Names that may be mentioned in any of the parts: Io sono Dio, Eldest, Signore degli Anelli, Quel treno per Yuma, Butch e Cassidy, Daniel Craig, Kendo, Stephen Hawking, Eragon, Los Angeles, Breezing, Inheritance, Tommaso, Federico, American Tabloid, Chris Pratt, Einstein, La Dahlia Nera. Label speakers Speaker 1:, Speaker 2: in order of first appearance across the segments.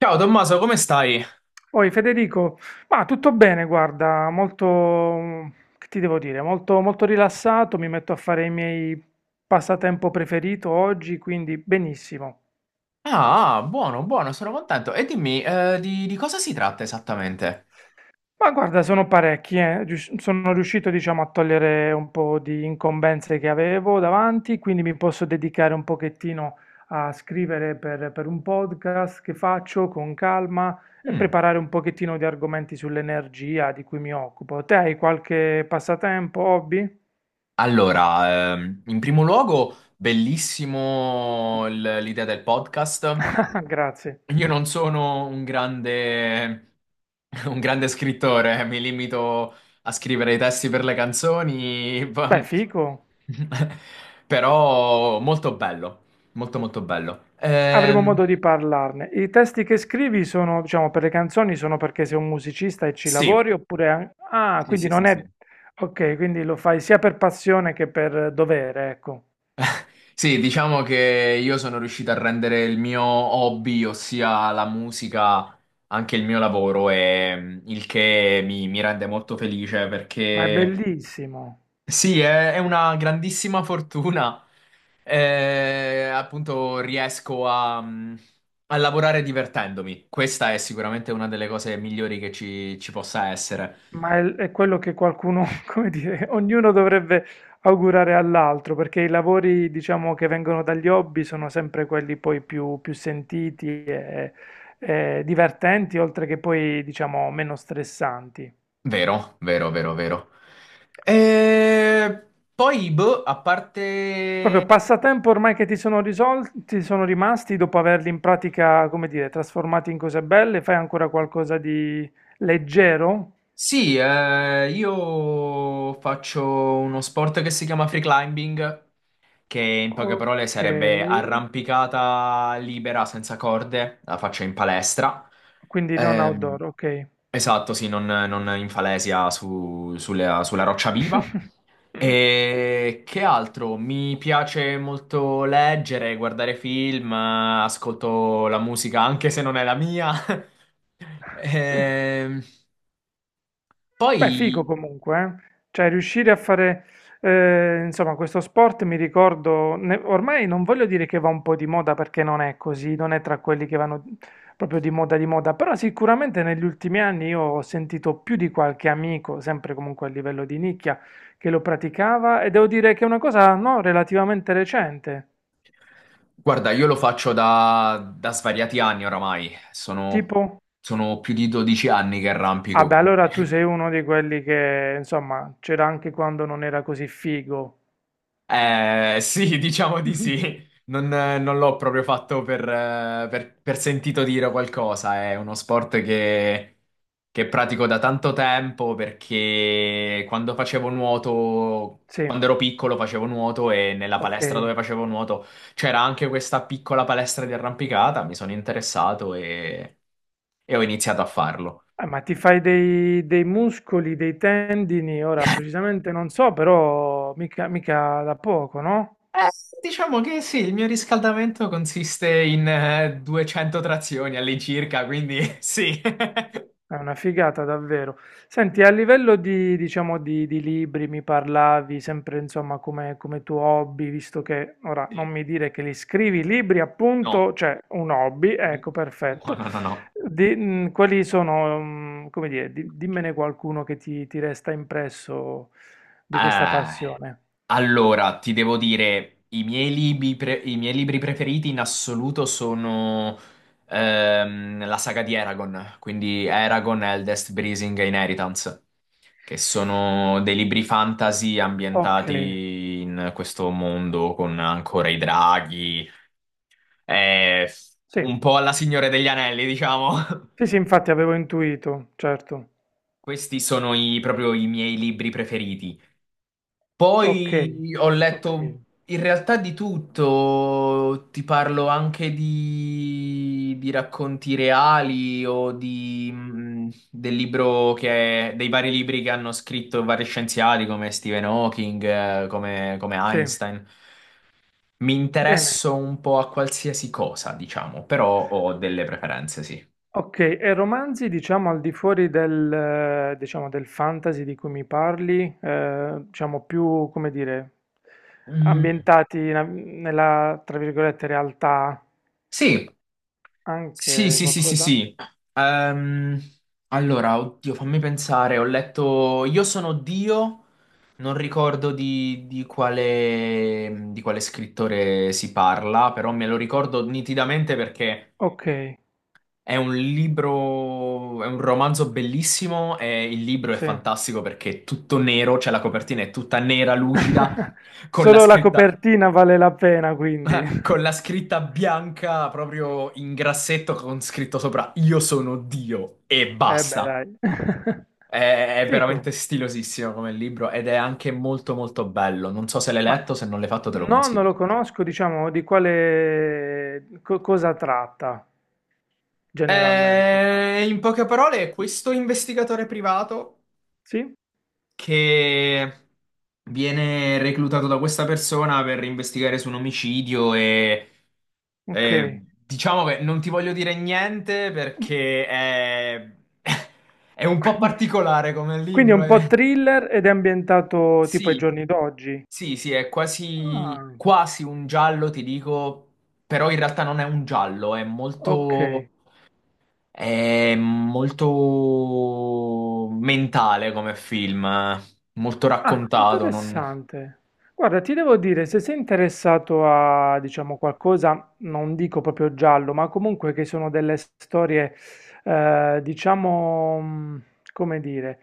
Speaker 1: Ciao Tommaso, come stai?
Speaker 2: Poi Federico, ma tutto bene, guarda, molto, che ti devo dire, molto, molto rilassato, mi metto a fare i miei passatempo preferito oggi, quindi benissimo.
Speaker 1: Ah, ah, buono, buono, sono contento. E dimmi, di cosa si tratta esattamente?
Speaker 2: Ma guarda, sono parecchi, sono riuscito, diciamo, a togliere un po' di incombenze che avevo davanti, quindi mi posso dedicare un pochettino a scrivere per un podcast che faccio con calma e
Speaker 1: Mm.
Speaker 2: preparare un pochettino di argomenti sull'energia di cui mi occupo. Te hai qualche passatempo, hobby?
Speaker 1: Allora, in primo luogo, bellissimo l'idea del podcast.
Speaker 2: Ah, grazie.
Speaker 1: Io non sono un grande, un grande scrittore, mi limito a scrivere i testi per le canzoni,
Speaker 2: Beh, fico.
Speaker 1: però molto bello, molto molto bello.
Speaker 2: Avremo modo di parlarne. I testi che scrivi sono, diciamo, per le canzoni sono perché sei un musicista e ci
Speaker 1: Sì,
Speaker 2: lavori oppure, ah,
Speaker 1: sì,
Speaker 2: quindi
Speaker 1: sì,
Speaker 2: non
Speaker 1: sì,
Speaker 2: è.
Speaker 1: sì.
Speaker 2: Ok, quindi lo fai sia per passione che per dovere, ecco.
Speaker 1: Sì, diciamo che io sono riuscito a rendere il mio hobby, ossia la musica, anche il mio lavoro, e il che mi rende molto felice
Speaker 2: Ma è
Speaker 1: perché
Speaker 2: bellissimo.
Speaker 1: sì, è una grandissima fortuna. Appunto, riesco a, a lavorare divertendomi. Questa è sicuramente una delle cose migliori che ci possa essere.
Speaker 2: Ma è quello che qualcuno, come dire, ognuno dovrebbe augurare all'altro, perché i lavori, diciamo, che vengono dagli hobby sono sempre quelli poi più sentiti e divertenti, oltre che poi, diciamo, meno stressanti.
Speaker 1: Vero, vero, vero, vero. E poi, boh, a parte.
Speaker 2: Proprio passatempo ormai che ti sono risolti, sono rimasti dopo averli in pratica, come dire, trasformati in cose belle, fai ancora qualcosa di leggero?
Speaker 1: Sì, io faccio uno sport che si chiama free climbing, che in poche parole
Speaker 2: Ok,
Speaker 1: sarebbe arrampicata libera senza corde, la faccio in palestra.
Speaker 2: quindi non
Speaker 1: Ehm,
Speaker 2: outdoor, ok.
Speaker 1: esatto, sì, non in falesia sulla, sulla roccia viva. E che altro? Mi piace molto leggere, guardare film, ascolto la musica anche se non è la mia. Ehm,
Speaker 2: Beh, figo
Speaker 1: poi...
Speaker 2: comunque, eh. Cioè riuscire a fare, insomma, questo sport mi ricordo, ormai non voglio dire che va un po' di moda perché non è così, non è tra quelli che vanno proprio di moda, però sicuramente negli ultimi anni io ho sentito più di qualche amico, sempre comunque a livello di nicchia, che lo praticava e devo dire che è una cosa, no, relativamente recente,
Speaker 1: Guarda, io lo faccio da svariati anni oramai, sono,
Speaker 2: tipo.
Speaker 1: sono più di 12 anni che
Speaker 2: Ah
Speaker 1: arrampico,
Speaker 2: beh,
Speaker 1: quindi
Speaker 2: allora tu sei uno di quelli che, insomma, c'era anche quando non era così figo.
Speaker 1: eh, sì, diciamo di sì. Non, non l'ho proprio fatto per, per sentito dire qualcosa. È uno sport che pratico da tanto tempo perché quando facevo nuoto,
Speaker 2: Sì,
Speaker 1: quando ero piccolo facevo nuoto e nella
Speaker 2: ok.
Speaker 1: palestra dove facevo nuoto c'era anche questa piccola palestra di arrampicata. Mi sono interessato e ho iniziato a farlo.
Speaker 2: Ah, ma ti fai dei muscoli, dei tendini, ora precisamente non so, però mica, mica da poco, no?
Speaker 1: Eh, diciamo che sì, il mio riscaldamento consiste in 200 trazioni all'incirca, quindi sì.
Speaker 2: È una figata davvero. Senti, a livello di, diciamo, di libri mi parlavi sempre, insomma, come tuo hobby, visto che, ora, non
Speaker 1: Sì?
Speaker 2: mi dire che li scrivi, libri,
Speaker 1: No.
Speaker 2: appunto, cioè un hobby, ecco,
Speaker 1: No,
Speaker 2: perfetto.
Speaker 1: no, no, no.
Speaker 2: Quali sono, come dire, dimmene qualcuno che ti resta impresso di questa
Speaker 1: Eh,
Speaker 2: passione.
Speaker 1: allora, ti devo dire, i miei libri preferiti in assoluto sono la saga di Eragon, quindi Eragon, Eldest, Breezing e Inheritance, che sono dei libri fantasy
Speaker 2: Ok,
Speaker 1: ambientati in questo mondo con ancora i draghi, eh,
Speaker 2: sì.
Speaker 1: un po' alla Signore degli Anelli, diciamo.
Speaker 2: Sì, sì, infatti avevo intuito, certo.
Speaker 1: Questi sono proprio i miei libri preferiti.
Speaker 2: Okay,
Speaker 1: Poi ho letto
Speaker 2: okay,
Speaker 1: in realtà di tutto, ti parlo anche di racconti reali o di, del libro che, dei vari libri che hanno scritto vari scienziati come Stephen Hawking, come, come
Speaker 2: sì,
Speaker 1: Einstein. Mi
Speaker 2: bene.
Speaker 1: interesso un po' a qualsiasi cosa, diciamo, però ho delle preferenze, sì.
Speaker 2: Okay, e romanzi diciamo al di fuori del diciamo del fantasy di cui mi parli, diciamo più, come dire,
Speaker 1: Mm,
Speaker 2: ambientati in a nella, tra virgolette, "realtà",
Speaker 1: sì, sì,
Speaker 2: anche
Speaker 1: sì, sì, sì,
Speaker 2: qualcosa?
Speaker 1: sì. Ehm, allora, oddio, fammi pensare. Ho letto Io sono Dio, non ricordo di quale scrittore si parla, però me lo ricordo nitidamente perché
Speaker 2: Okay,
Speaker 1: è un libro, è un romanzo bellissimo e il libro è
Speaker 2: sì.
Speaker 1: fantastico perché è tutto nero, cioè la copertina è tutta nera, lucida, con la
Speaker 2: Solo la
Speaker 1: scritta
Speaker 2: copertina vale la pena quindi.
Speaker 1: con la scritta bianca proprio in grassetto con scritto sopra Io sono Dio e
Speaker 2: Eh beh,
Speaker 1: basta.
Speaker 2: dai.
Speaker 1: È, è
Speaker 2: Fico.
Speaker 1: veramente stilosissimo come libro ed è anche molto molto bello. Non so se l'hai
Speaker 2: Ma
Speaker 1: letto, se non l'hai fatto te lo
Speaker 2: no, non lo
Speaker 1: consiglio.
Speaker 2: conosco, diciamo, di quale cosa tratta generalmente, diciamo.
Speaker 1: In poche parole, questo investigatore privato
Speaker 2: Sì?
Speaker 1: che viene reclutato da questa persona per investigare su un omicidio
Speaker 2: Ok.
Speaker 1: e diciamo che non ti voglio dire niente
Speaker 2: Mm.
Speaker 1: perché è, è un po' particolare come
Speaker 2: Quindi è
Speaker 1: libro.
Speaker 2: un
Speaker 1: È...
Speaker 2: po' thriller ed è ambientato tipo ai
Speaker 1: Sì,
Speaker 2: giorni d'oggi.
Speaker 1: sì, sì, è quasi,
Speaker 2: Ah,
Speaker 1: quasi un giallo, ti dico, però in realtà non è un giallo, è
Speaker 2: ok.
Speaker 1: molto... È molto mentale come film, eh. Molto
Speaker 2: Ah,
Speaker 1: raccontato. Non-
Speaker 2: interessante. Guarda, ti devo dire, se sei interessato a, diciamo, qualcosa, non dico proprio giallo, ma comunque che sono delle storie, diciamo, come dire,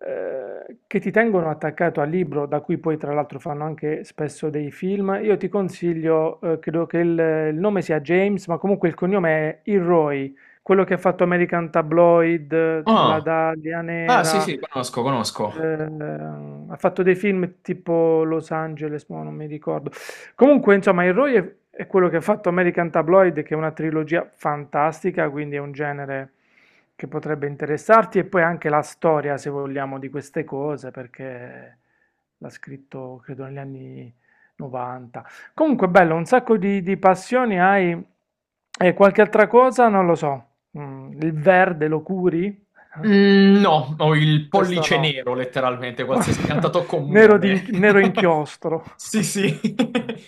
Speaker 2: che ti tengono attaccato al libro, da cui poi tra l'altro fanno anche spesso dei film. Io ti consiglio, credo che il nome sia James, ma comunque il cognome è Ilroy, quello che ha fatto American Tabloid, La
Speaker 1: Ah,
Speaker 2: Dahlia
Speaker 1: ah, sì,
Speaker 2: Nera.
Speaker 1: sì, conosco, conosco.
Speaker 2: Ha fatto dei film tipo Los Angeles, ma non mi ricordo. Comunque, insomma, il Roy è quello che ha fatto American Tabloid, che è una trilogia fantastica, quindi è un genere che potrebbe interessarti, e poi anche la storia, se vogliamo, di queste cose, perché l'ha scritto, credo, negli anni 90. Comunque, bello, un sacco di passioni hai. E qualche altra cosa? Non lo so. Il verde lo curi?
Speaker 1: Mm, no, ho il
Speaker 2: Questo
Speaker 1: pollice
Speaker 2: no.
Speaker 1: nero, letteralmente, qualsiasi pianta tocco
Speaker 2: Nero,
Speaker 1: muore.
Speaker 2: nero inchiostro.
Speaker 1: Sì, sì.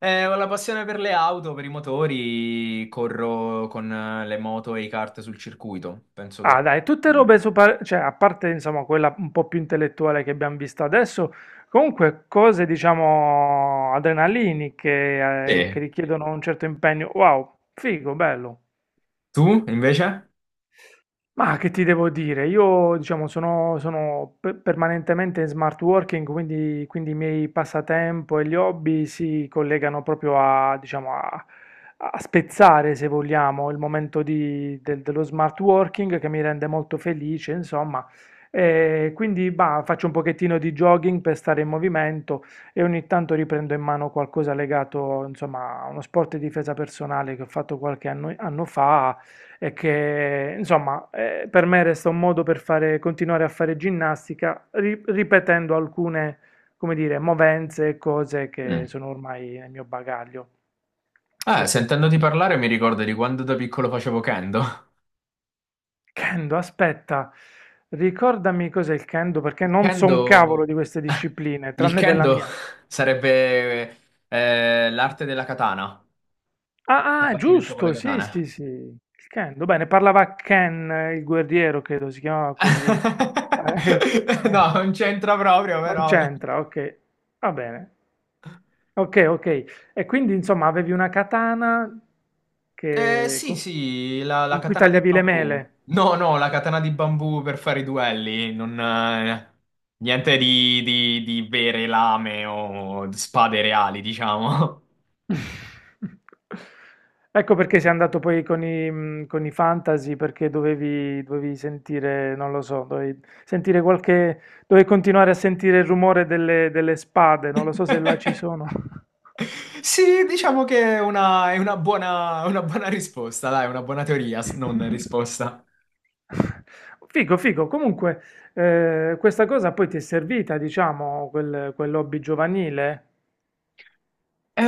Speaker 1: Ho la passione per le auto, per i motori, corro con le moto e i kart sul circuito. Penso
Speaker 2: Ah,
Speaker 1: che...
Speaker 2: dai, tutte robe super, cioè, a parte insomma quella un po' più intellettuale che abbiamo visto adesso, comunque cose diciamo adrenaliniche, che
Speaker 1: Sì.
Speaker 2: richiedono un certo impegno. Wow, figo, bello.
Speaker 1: Tu, invece?
Speaker 2: Ma che ti devo dire? Io, diciamo, sono permanentemente in smart working, quindi i miei passatempo e gli hobby si collegano proprio a, diciamo, a spezzare, se vogliamo, il momento dello smart working che mi rende molto felice, insomma. E quindi, bah, faccio un pochettino di jogging per stare in movimento e ogni tanto riprendo in mano qualcosa legato, insomma, a uno sport di difesa personale che ho fatto qualche anno fa e che insomma, per me resta un modo per fare, continuare a fare ginnastica ripetendo alcune, come dire, movenze e cose che
Speaker 1: Mm.
Speaker 2: sono ormai nel mio bagaglio. Sì, sì.
Speaker 1: Sentendoti parlare mi ricordo di quando da piccolo facevo kendo.
Speaker 2: Kendo, aspetta, ricordami cos'è il Kendo perché
Speaker 1: Il
Speaker 2: non so un cavolo
Speaker 1: kendo,
Speaker 2: di queste discipline,
Speaker 1: il
Speaker 2: tranne della
Speaker 1: kendo
Speaker 2: mia.
Speaker 1: sarebbe l'arte della katana, il
Speaker 2: Ah, ah,
Speaker 1: combattimento con le
Speaker 2: giusto, sì,
Speaker 1: katane.
Speaker 2: sì, sì. Il Kendo, bene, parlava Ken, il guerriero, credo si chiamava così. Eh,
Speaker 1: No,
Speaker 2: Ken.
Speaker 1: non c'entra proprio,
Speaker 2: Non
Speaker 1: però.
Speaker 2: c'entra, ok. Va bene. Ok, ok. E quindi insomma avevi una katana
Speaker 1: Eh,
Speaker 2: che-
Speaker 1: sì,
Speaker 2: con,
Speaker 1: sì, la
Speaker 2: con cui
Speaker 1: katana di
Speaker 2: tagliavi le
Speaker 1: bambù.
Speaker 2: mele.
Speaker 1: No, no, la katana di bambù per fare i duelli, non, niente di vere lame o spade reali, diciamo.
Speaker 2: Ecco perché sei andato poi con i fantasy, perché dovevi sentire, non lo so, dovevi sentire qualche, dovevi continuare a sentire il rumore delle spade, non lo so se là ci sono.
Speaker 1: Sì, diciamo che è una buona risposta, dai, una buona teoria, non risposta.
Speaker 2: Figo, figo. Comunque, questa cosa poi ti è servita, diciamo, quell'hobby giovanile?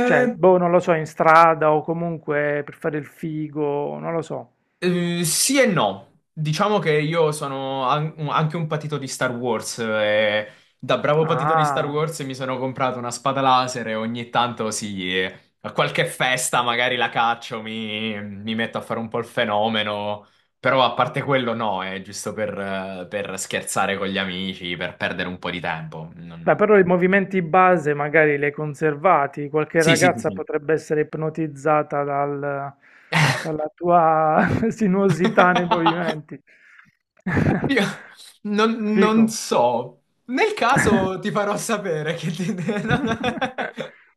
Speaker 2: Cioè, boh, non lo so, in strada o comunque per fare il figo, non lo so.
Speaker 1: sì e no. Diciamo che io sono anche un patito di Star Wars e da bravo patito di Star
Speaker 2: Ah,
Speaker 1: Wars mi sono comprato una spada laser e ogni tanto sì, a qualche festa magari la caccio, mi metto a fare un po' il fenomeno, però a parte quello no, è giusto per scherzare con gli amici, per perdere un po' di tempo.
Speaker 2: beh,
Speaker 1: Non-
Speaker 2: però i movimenti base magari li hai conservati. Qualche
Speaker 1: Sì, sì, sì,
Speaker 2: ragazza
Speaker 1: sì.
Speaker 2: potrebbe essere ipnotizzata dalla tua sinuosità nei movimenti.
Speaker 1: Io non,
Speaker 2: Figo.
Speaker 1: non so. Nel caso ti farò sapere che ti...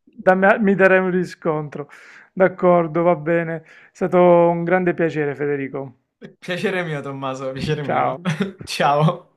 Speaker 2: Mi darei un riscontro. D'accordo, va bene. È stato un grande piacere, Federico.
Speaker 1: Piacere mio, Tommaso, piacere mio.
Speaker 2: Ciao.
Speaker 1: Ciao.